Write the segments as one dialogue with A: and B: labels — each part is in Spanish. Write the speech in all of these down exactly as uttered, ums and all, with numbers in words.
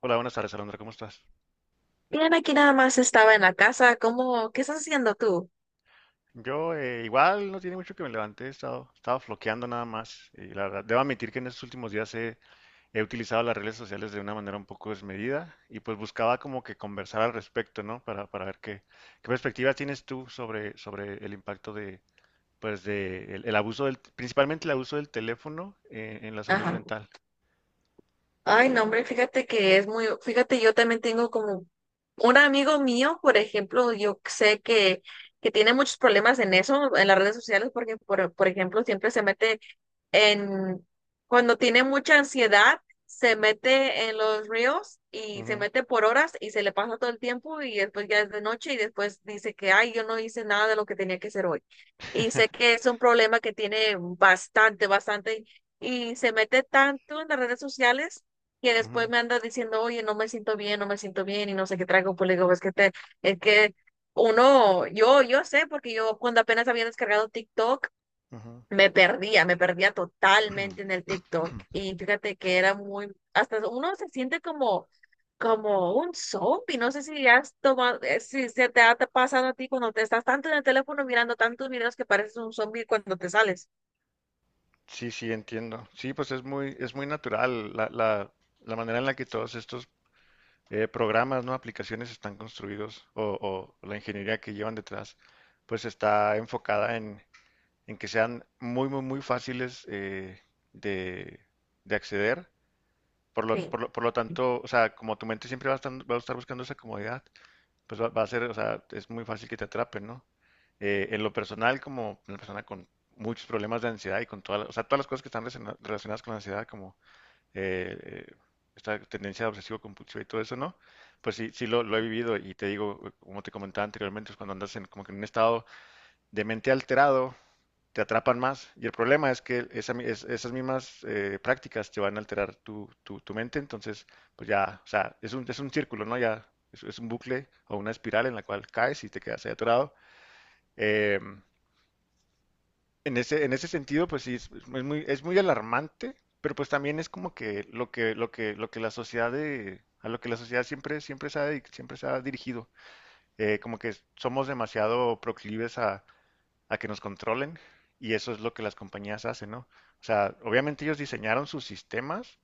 A: Hola, buenas tardes, Alondra, ¿cómo estás?
B: Bien, aquí nada más estaba en la casa. ¿Cómo? ¿Qué estás haciendo tú?
A: Yo eh, igual no tiene mucho que me levanté, he estado, estaba floqueando nada más. Y la verdad, debo admitir que en estos últimos días he, he utilizado las redes sociales de una manera un poco desmedida y pues buscaba como que conversar al respecto, ¿no? Para, para ver qué, qué perspectiva tienes tú sobre, sobre el impacto de, pues, de el, el abuso del, principalmente el abuso del teléfono en, en la salud
B: Ajá.
A: mental.
B: Ay, no, hombre, fíjate que es muy, fíjate, yo también tengo como un amigo mío, por ejemplo, yo sé que, que tiene muchos problemas en eso, en las redes sociales, porque, por, por ejemplo, siempre se mete en, cuando tiene mucha ansiedad, se mete en los ríos y se
A: Ujú.
B: mete por horas y se le pasa todo el tiempo y después ya es de noche y después dice que, ay, yo no hice nada de lo que tenía que hacer hoy. Y sé que es un problema que tiene bastante, bastante y se mete tanto en las redes sociales, que después
A: Ujú,
B: me anda diciendo, oye, no me siento bien, no me siento bien, y no sé qué traigo, pues le digo, es que te, es que uno, yo, yo sé, porque yo cuando apenas había descargado TikTok,
A: ujú.
B: me perdía, me perdía totalmente en el TikTok. Y fíjate que era muy, hasta uno se siente como, como un zombie. No sé si has tomado, eh, si se te ha te pasado a ti cuando te estás tanto en el teléfono mirando tantos videos que pareces un zombie cuando te sales.
A: Sí, sí, entiendo. Sí, pues es muy, es muy natural la, la, la manera en la que todos estos eh, programas, ¿no? Aplicaciones están construidos o, o la ingeniería que llevan detrás, pues está enfocada en, en que sean muy, muy, muy fáciles eh, de, de acceder. Por lo,
B: Sí,
A: por lo, por lo tanto, o sea, como tu mente siempre va a estar, va a estar buscando esa comodidad, pues va, va a ser, o sea, es muy fácil que te atrapen, ¿no? Eh, en lo personal, como una persona con muchos problemas de ansiedad y con todas, o sea, todas las cosas que están relaciona- relacionadas con la ansiedad, como eh, eh, esta tendencia obsesivo-compulsiva y todo eso, ¿no? Pues sí, sí lo, lo he vivido y te digo, eh, como te comentaba anteriormente, es cuando andas en, como que en un estado de mente alterado, te atrapan más. Y el problema es que esa mi- es- esas mismas eh, prácticas te van a alterar tu, tu- tu mente, entonces, pues ya, o sea, es un, es un círculo, ¿no? Ya es, es un bucle o una espiral en la cual caes y te quedas ahí atorado. Em, en ese, en ese sentido, pues sí, es, es muy, es muy alarmante, pero pues también es como que lo que, lo que, lo que la sociedad de, a lo que la sociedad siempre, siempre se ha, dedic- siempre se ha dirigido. Eh, como que somos demasiado proclives a a que nos controlen y eso es lo que las compañías hacen, ¿no? O sea, obviamente ellos diseñaron sus sistemas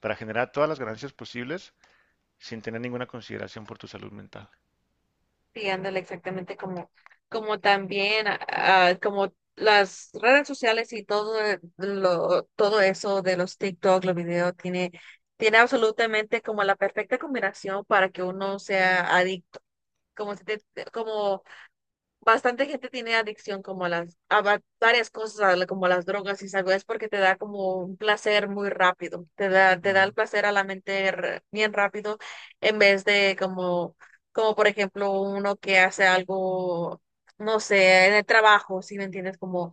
A: para generar todas las ganancias posibles sin tener ninguna consideración por tu salud mental.
B: sí, ándale, exactamente como, como también, ah, como las redes sociales y todo eh, lo, todo eso de los TikTok, los videos, tiene tiene absolutamente como la perfecta combinación para que uno sea adicto como, si te- te- como bastante gente tiene adicción como a las, a va- varias cosas, a la- como las drogas y algo, es porque te da como un placer muy rápido, te da, te da el
A: Ujú,
B: placer a la mente r- bien rápido, en vez de como, como por ejemplo uno que hace algo, no sé, en el trabajo, si me entiendes, como.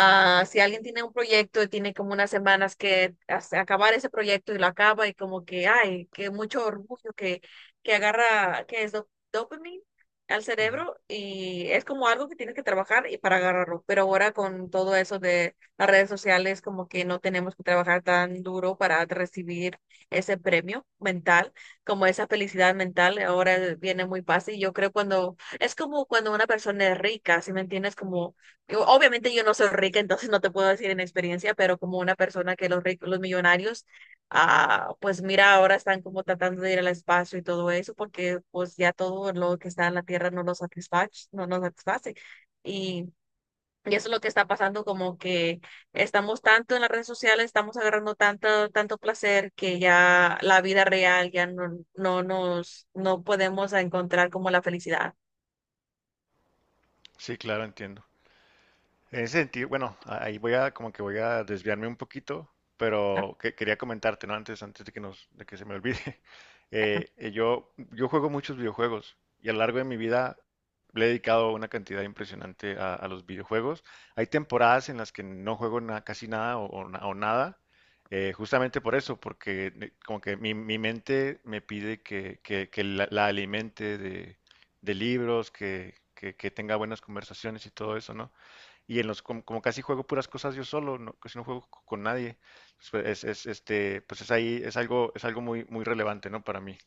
B: Ah, si alguien tiene un proyecto y tiene como unas semanas que as- acabar ese proyecto y lo acaba y como que, ay, que mucho orgullo que, que agarra, que es dop- dopamine al
A: ujú.
B: cerebro y es como algo que tienes que trabajar y para agarrarlo. Pero ahora con todo eso de las redes sociales, como que no tenemos que trabajar tan duro para recibir ese premio mental, como esa felicidad mental, ahora viene muy fácil. Yo creo cuando, es como cuando una persona es rica, si me entiendes, como yo- obviamente yo no soy rica, entonces no te puedo decir en experiencia, pero como una persona que los ricos, los millonarios, ah, pues mira, ahora están como tratando de ir al espacio y todo eso, porque pues ya todo lo que está en la Tierra no nos satisface, no nos satisface. Y, y eso es lo que está pasando, como que estamos tanto en las redes sociales, estamos agarrando tanto, tanto placer que ya la vida real ya no, no nos, no podemos encontrar como la felicidad.
A: Sí, claro, entiendo. En ese sentido, bueno, ahí voy a como que voy a desviarme un poquito, pero que- quería comentarte, ¿no? Antes, antes de que nos, de que se me olvide. Eh, eh, yo, yo juego muchos videojuegos y a lo largo de mi vida le he dedicado una cantidad impresionante a, a los videojuegos. Hay temporadas en las que no juego na- casi nada o, o na- o nada, eh, justamente por eso, porque eh, como que mi, mi mente me pide que, que- que la, la alimente de, de libros, que, que que tenga buenas conversaciones y todo eso, ¿no? Y en los, como, como casi juego puras cosas yo solo, no, casi no juego co- con nadie, pues pues, es, es, este, pues es ahí, es algo, es algo muy, muy relevante, ¿no? Para mí.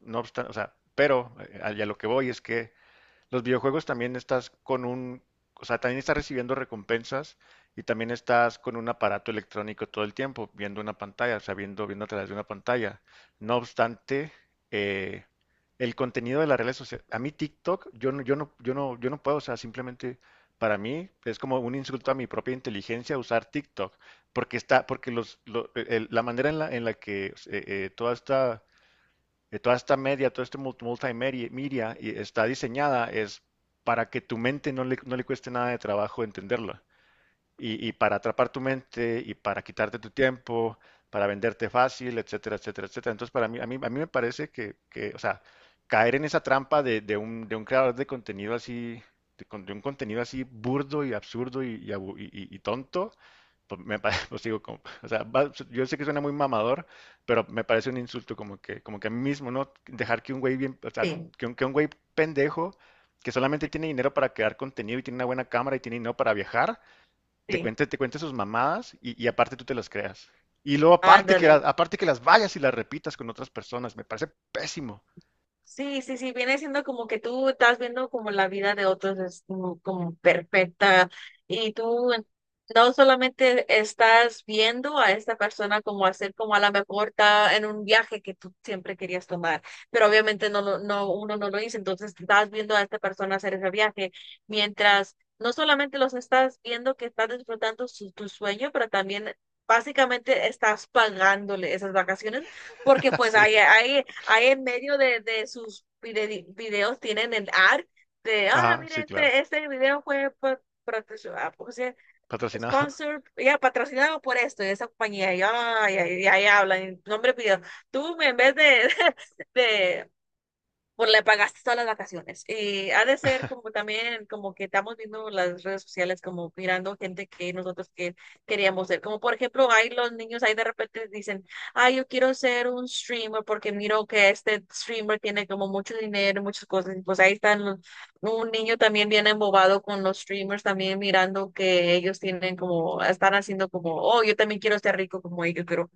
A: No obstante, o sea, pero eh, a a lo que voy es que los videojuegos también estás con un, o sea, también estás recibiendo recompensas y también estás con un aparato electrónico todo el tiempo, viendo una pantalla, o sea, viendo, viendo a través de una pantalla. No obstante, eh, el contenido de las redes sociales, a mí TikTok, yo no, yo no, yo no, yo no puedo, o sea, simplemente para mí es como un insulto a mi propia inteligencia usar TikTok, porque está, porque los, lo- el- la manera en la, en la que eh, eh, toda esta eh, toda esta media, todo este multi- multimedia está diseñada es para que tu mente no le, no le cueste nada de trabajo entenderlo. Y, y para atrapar tu mente y para quitarte tu tiempo, para venderte fácil, etcétera, etcétera, etcétera. Entonces, para mí, a mí, a mí me parece que, que, o sea, caer en esa trampa de, de un, de un creador de contenido así, de, con- de un contenido así burdo y absurdo y, y abu- y- y- y tonto, pues, me, pa- pues digo, como, o sea, va- yo sé que suena muy mamador, pero me parece un insulto como que, como que a mí mismo, ¿no? Dejar que un güey bien, o sea,
B: Sí,
A: que un, que un güey pendejo que solamente tiene dinero para crear contenido y tiene una buena cámara y tiene dinero para viajar, te
B: sí.
A: cuente, te cuente sus mamadas y, y aparte tú te las creas. Y luego aparte que,
B: Ándale.
A: la- aparte que las vayas y las repitas con otras personas, me parece pésimo.
B: Sí, sí, sí, viene siendo como que tú estás viendo como la vida de otros es como, como perfecta y tú no solamente estás viendo a esta persona como hacer como a la mejor está en un viaje que tú siempre querías tomar, pero obviamente no, lo- no, uno no lo hizo, entonces estás viendo a esta persona hacer ese viaje mientras no solamente los estás viendo que estás disfrutando su, tu sueño, pero también básicamente estás pagándole esas vacaciones porque pues
A: Sí.
B: ahí, ahí, ahí en medio de, de sus vide- videos tienen el ad de, ah,
A: Ajá,
B: mire
A: sí, claro.
B: este, este video fue pa- patroci- ah, ¿cómo se dice?
A: Patrocinado.
B: Sponsor, ya patrocinado por esto, y esa compañía, y, ay, ay, y ahí hablan, nombre video. Tú en vez de, de, por la pagaste todas las vacaciones. Y ha de ser como también, como que estamos viendo las redes sociales, como mirando gente que nosotros que queríamos ser. Como por ejemplo, hay los niños ahí de repente dicen, ay, yo quiero ser un streamer porque miro que este streamer tiene como mucho dinero y muchas cosas. Y pues ahí están los- un niño también bien embobado con los streamers, también mirando que ellos tienen como, están haciendo como, oh, yo también quiero ser rico como ellos, pero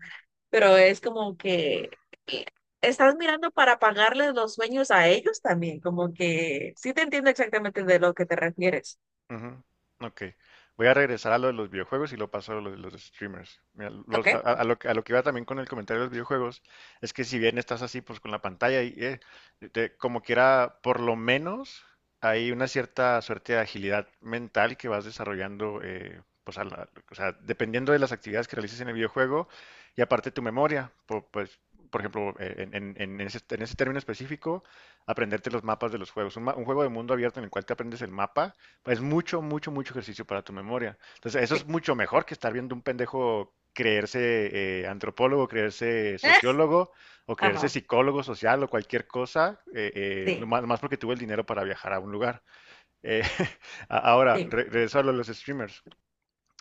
B: pero es como que eh, estás mirando para pagarles los sueños a ellos también, como que sí te entiendo exactamente de lo que te refieres.
A: Ujú. Ok. Voy a regresar a lo de los videojuegos y lo paso a lo de los streamers. Mira,
B: ¿Ok?
A: los- a, a- lo, que a lo que iba también con el comentario de los videojuegos es que si bien estás así pues con la pantalla y eh, te- como quiera, por lo menos hay una cierta suerte de agilidad mental que vas desarrollando, eh, pues a la- o sea, dependiendo de las actividades que realices en el videojuego y aparte tu memoria, po- pues por ejemplo, eh, en, en- en ese, en ese término específico, aprenderte los mapas de los juegos. Un, ma- un juego de mundo abierto en el cual te aprendes el mapa es mucho, mucho, mucho ejercicio para tu memoria. Entonces, eso
B: Sí.
A: es mucho mejor que estar viendo un pendejo creerse eh, antropólogo, creerse sociólogo o creerse
B: Ajá.
A: psicólogo social o cualquier cosa, eh, eh,
B: Sí,
A: nomás- nomás porque tuvo el dinero para viajar a un lugar. Eh, a- ahora,
B: sí,
A: re- regreso a lo de los streamers.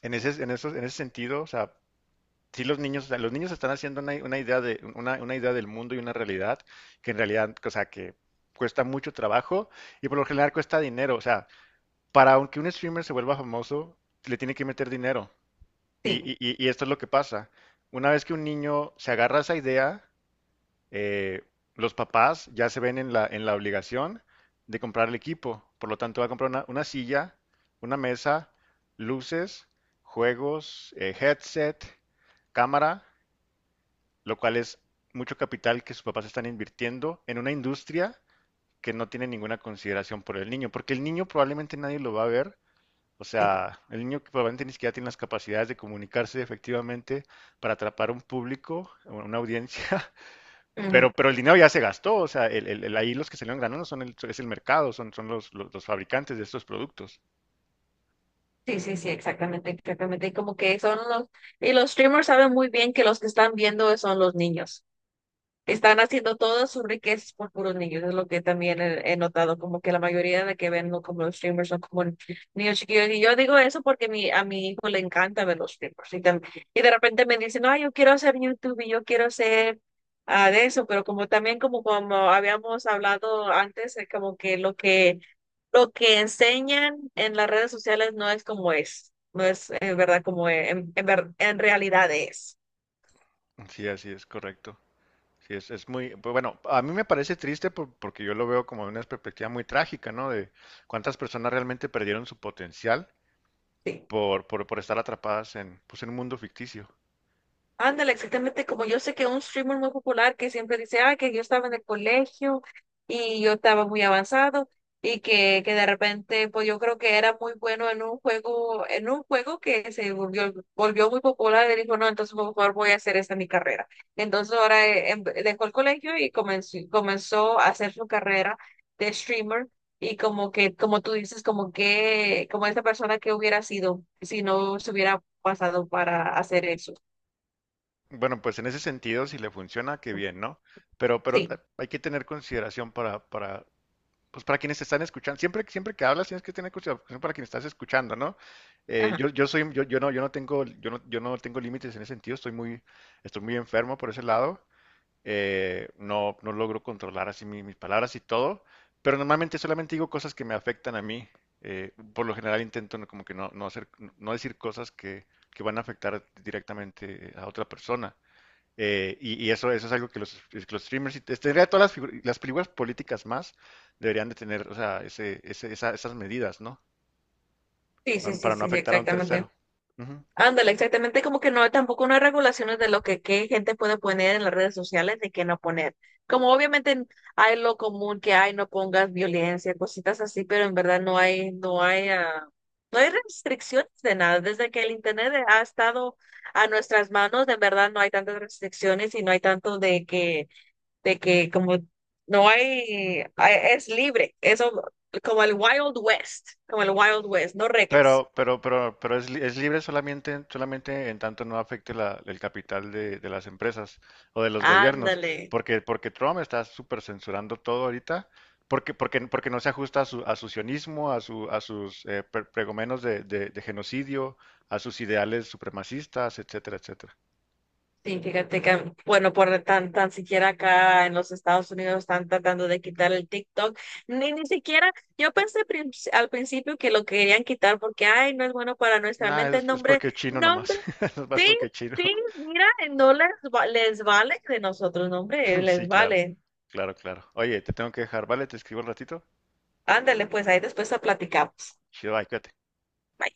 A: En ese, en esos- en ese sentido, o sea, sí los niños, o sea, los niños están haciendo una, una idea de, una, una idea del mundo y una realidad que en realidad, o sea, que cuesta mucho trabajo y por lo general cuesta dinero. O sea, para aunque un streamer se vuelva famoso, le tiene que meter dinero. Y,
B: sí,
A: y- y- y esto es lo que pasa. Una vez que un niño se agarra a esa idea, eh, los papás ya se ven en la, en la obligación de comprar el equipo. Por lo tanto, va a comprar una, una silla, una mesa, luces, juegos, eh, headset, cámara, lo cual es mucho capital que sus papás están invirtiendo en una industria que no tiene ninguna consideración por el niño, porque el niño probablemente nadie lo va a ver, o
B: sí.
A: sea, el niño que probablemente ni siquiera tiene las capacidades de comunicarse efectivamente para atrapar un público, una audiencia,
B: Ujú.
A: pero, pero el dinero ya se gastó, o sea, el, el, el- ahí los que salieron ganando son el, es el mercado, son, son los, los, los fabricantes de estos productos.
B: Sí, sí, sí, exactamente, exactamente. Y como que son los, y los streamers saben muy bien que los que están viendo son los niños. Están haciendo todo sobre que por puros niños, es lo que también he, he notado, como que la mayoría de la que ven, ¿no? Como los streamers son como niños chiquillos. Y yo digo eso porque mi, a mi hijo le encanta ver los streamers. Y, tam- y de repente me dicen, no, yo quiero hacer YouTube y yo quiero hacer ah, de eso, pero como también como, como habíamos hablado antes, es como que lo que lo que enseñan en las redes sociales no es como es, no es en verdad como en, en, ver- en realidad es.
A: Sí, así es, correcto. Sí, es, es muy, pues, bueno, a mí me parece triste por- porque yo lo veo como una perspectiva muy trágica, ¿no? De cuántas personas realmente perdieron su potencial
B: Sí.
A: por, por, por estar atrapadas en, pues, en un mundo ficticio.
B: Ándale, exactamente como yo sé que un streamer muy popular que siempre dice, ah, que yo estaba en el colegio y yo estaba muy avanzado y que, que de repente, pues yo creo que era muy bueno en un juego, en un juego que se volvió, volvió muy popular y dijo, no, entonces por favor voy a hacer esta mi carrera. Entonces ahora eh, em- dejó el colegio y comenzó, comenzó a hacer su carrera de streamer y como que, como tú dices, como que, como esta persona que hubiera sido si no se hubiera pasado para hacer eso.
A: Bueno, pues en ese sentido, si le funciona, qué bien, ¿no? Pero, pero
B: Sí.
A: ta- hay que tener consideración para, para, pues para quienes te están escuchando. Siempre, siempre que hablas, tienes que tener consideración para quienes estás escuchando, ¿no? Eh,
B: Ajá.
A: yo, yo soy, yo, yo no, yo no tengo, yo no, yo no tengo límites en ese sentido. Estoy muy, estoy muy enfermo por ese lado. Eh, no, no logro controlar así mi- mis palabras y todo. Pero normalmente solamente digo cosas que me afectan a mí. Eh, por lo general intento no- como que no, no hacer, no decir cosas que, que van a afectar directamente a otra persona. Eh, y, y eso, eso es algo que los, que los streamers, y tendría todas las, figu- las películas políticas más, deberían de tener, o sea, ese, ese- esa- esas medidas, ¿no?
B: Sí,
A: Para,
B: sí,
A: no
B: sí,
A: para no
B: sí, sí,
A: afectar a un
B: exactamente.
A: tercero. Ujú.
B: Ándale, exactamente, como que no, tampoco no hay regulaciones de lo que qué gente puede poner en las redes sociales y qué no poner. Como obviamente hay lo común que hay, no pongas violencia, cositas así, pero en verdad no hay, no hay, ah, no hay restricciones de nada. Desde que el internet ha estado a nuestras manos, de verdad no hay tantas restricciones y no hay tanto de que, de que como no hay, hay- es libre, eso como el Wild West, como el Wild West, no reglas.
A: Pero, pero, pero, pero es, li- es libre solamente, solamente en tanto no afecte la- el capital de, de las empresas o de los gobiernos,
B: Ándale.
A: porque, porque Trump está súper censurando todo ahorita, porque, porque, porque no se ajusta a su, a su sionismo, a su, a sus eh, pre- pregomenos de, de de genocidio, a sus ideales supremacistas, etcétera, etcétera.
B: Sí, fíjate que, bueno, por tan, tan siquiera acá en los Estados Unidos están tratando de quitar el TikTok. Ni, ni siquiera, yo pensé prin- al principio que lo querían quitar porque, ay, no es bueno para nuestra
A: Nah,
B: mente.
A: es, es
B: Nombre,
A: porque es chino
B: nombre,
A: nomás. Nomás
B: sí,
A: porque es chino.
B: sí, mira, no les, va- les vale de nosotros, nombre, les
A: Sí, claro.
B: vale.
A: Claro, claro. Oye, te tengo que dejar, ¿vale? Te escribo un ratito.
B: Ándale, pues ahí después la platicamos.
A: Chido, bye, cuídate.
B: Bye.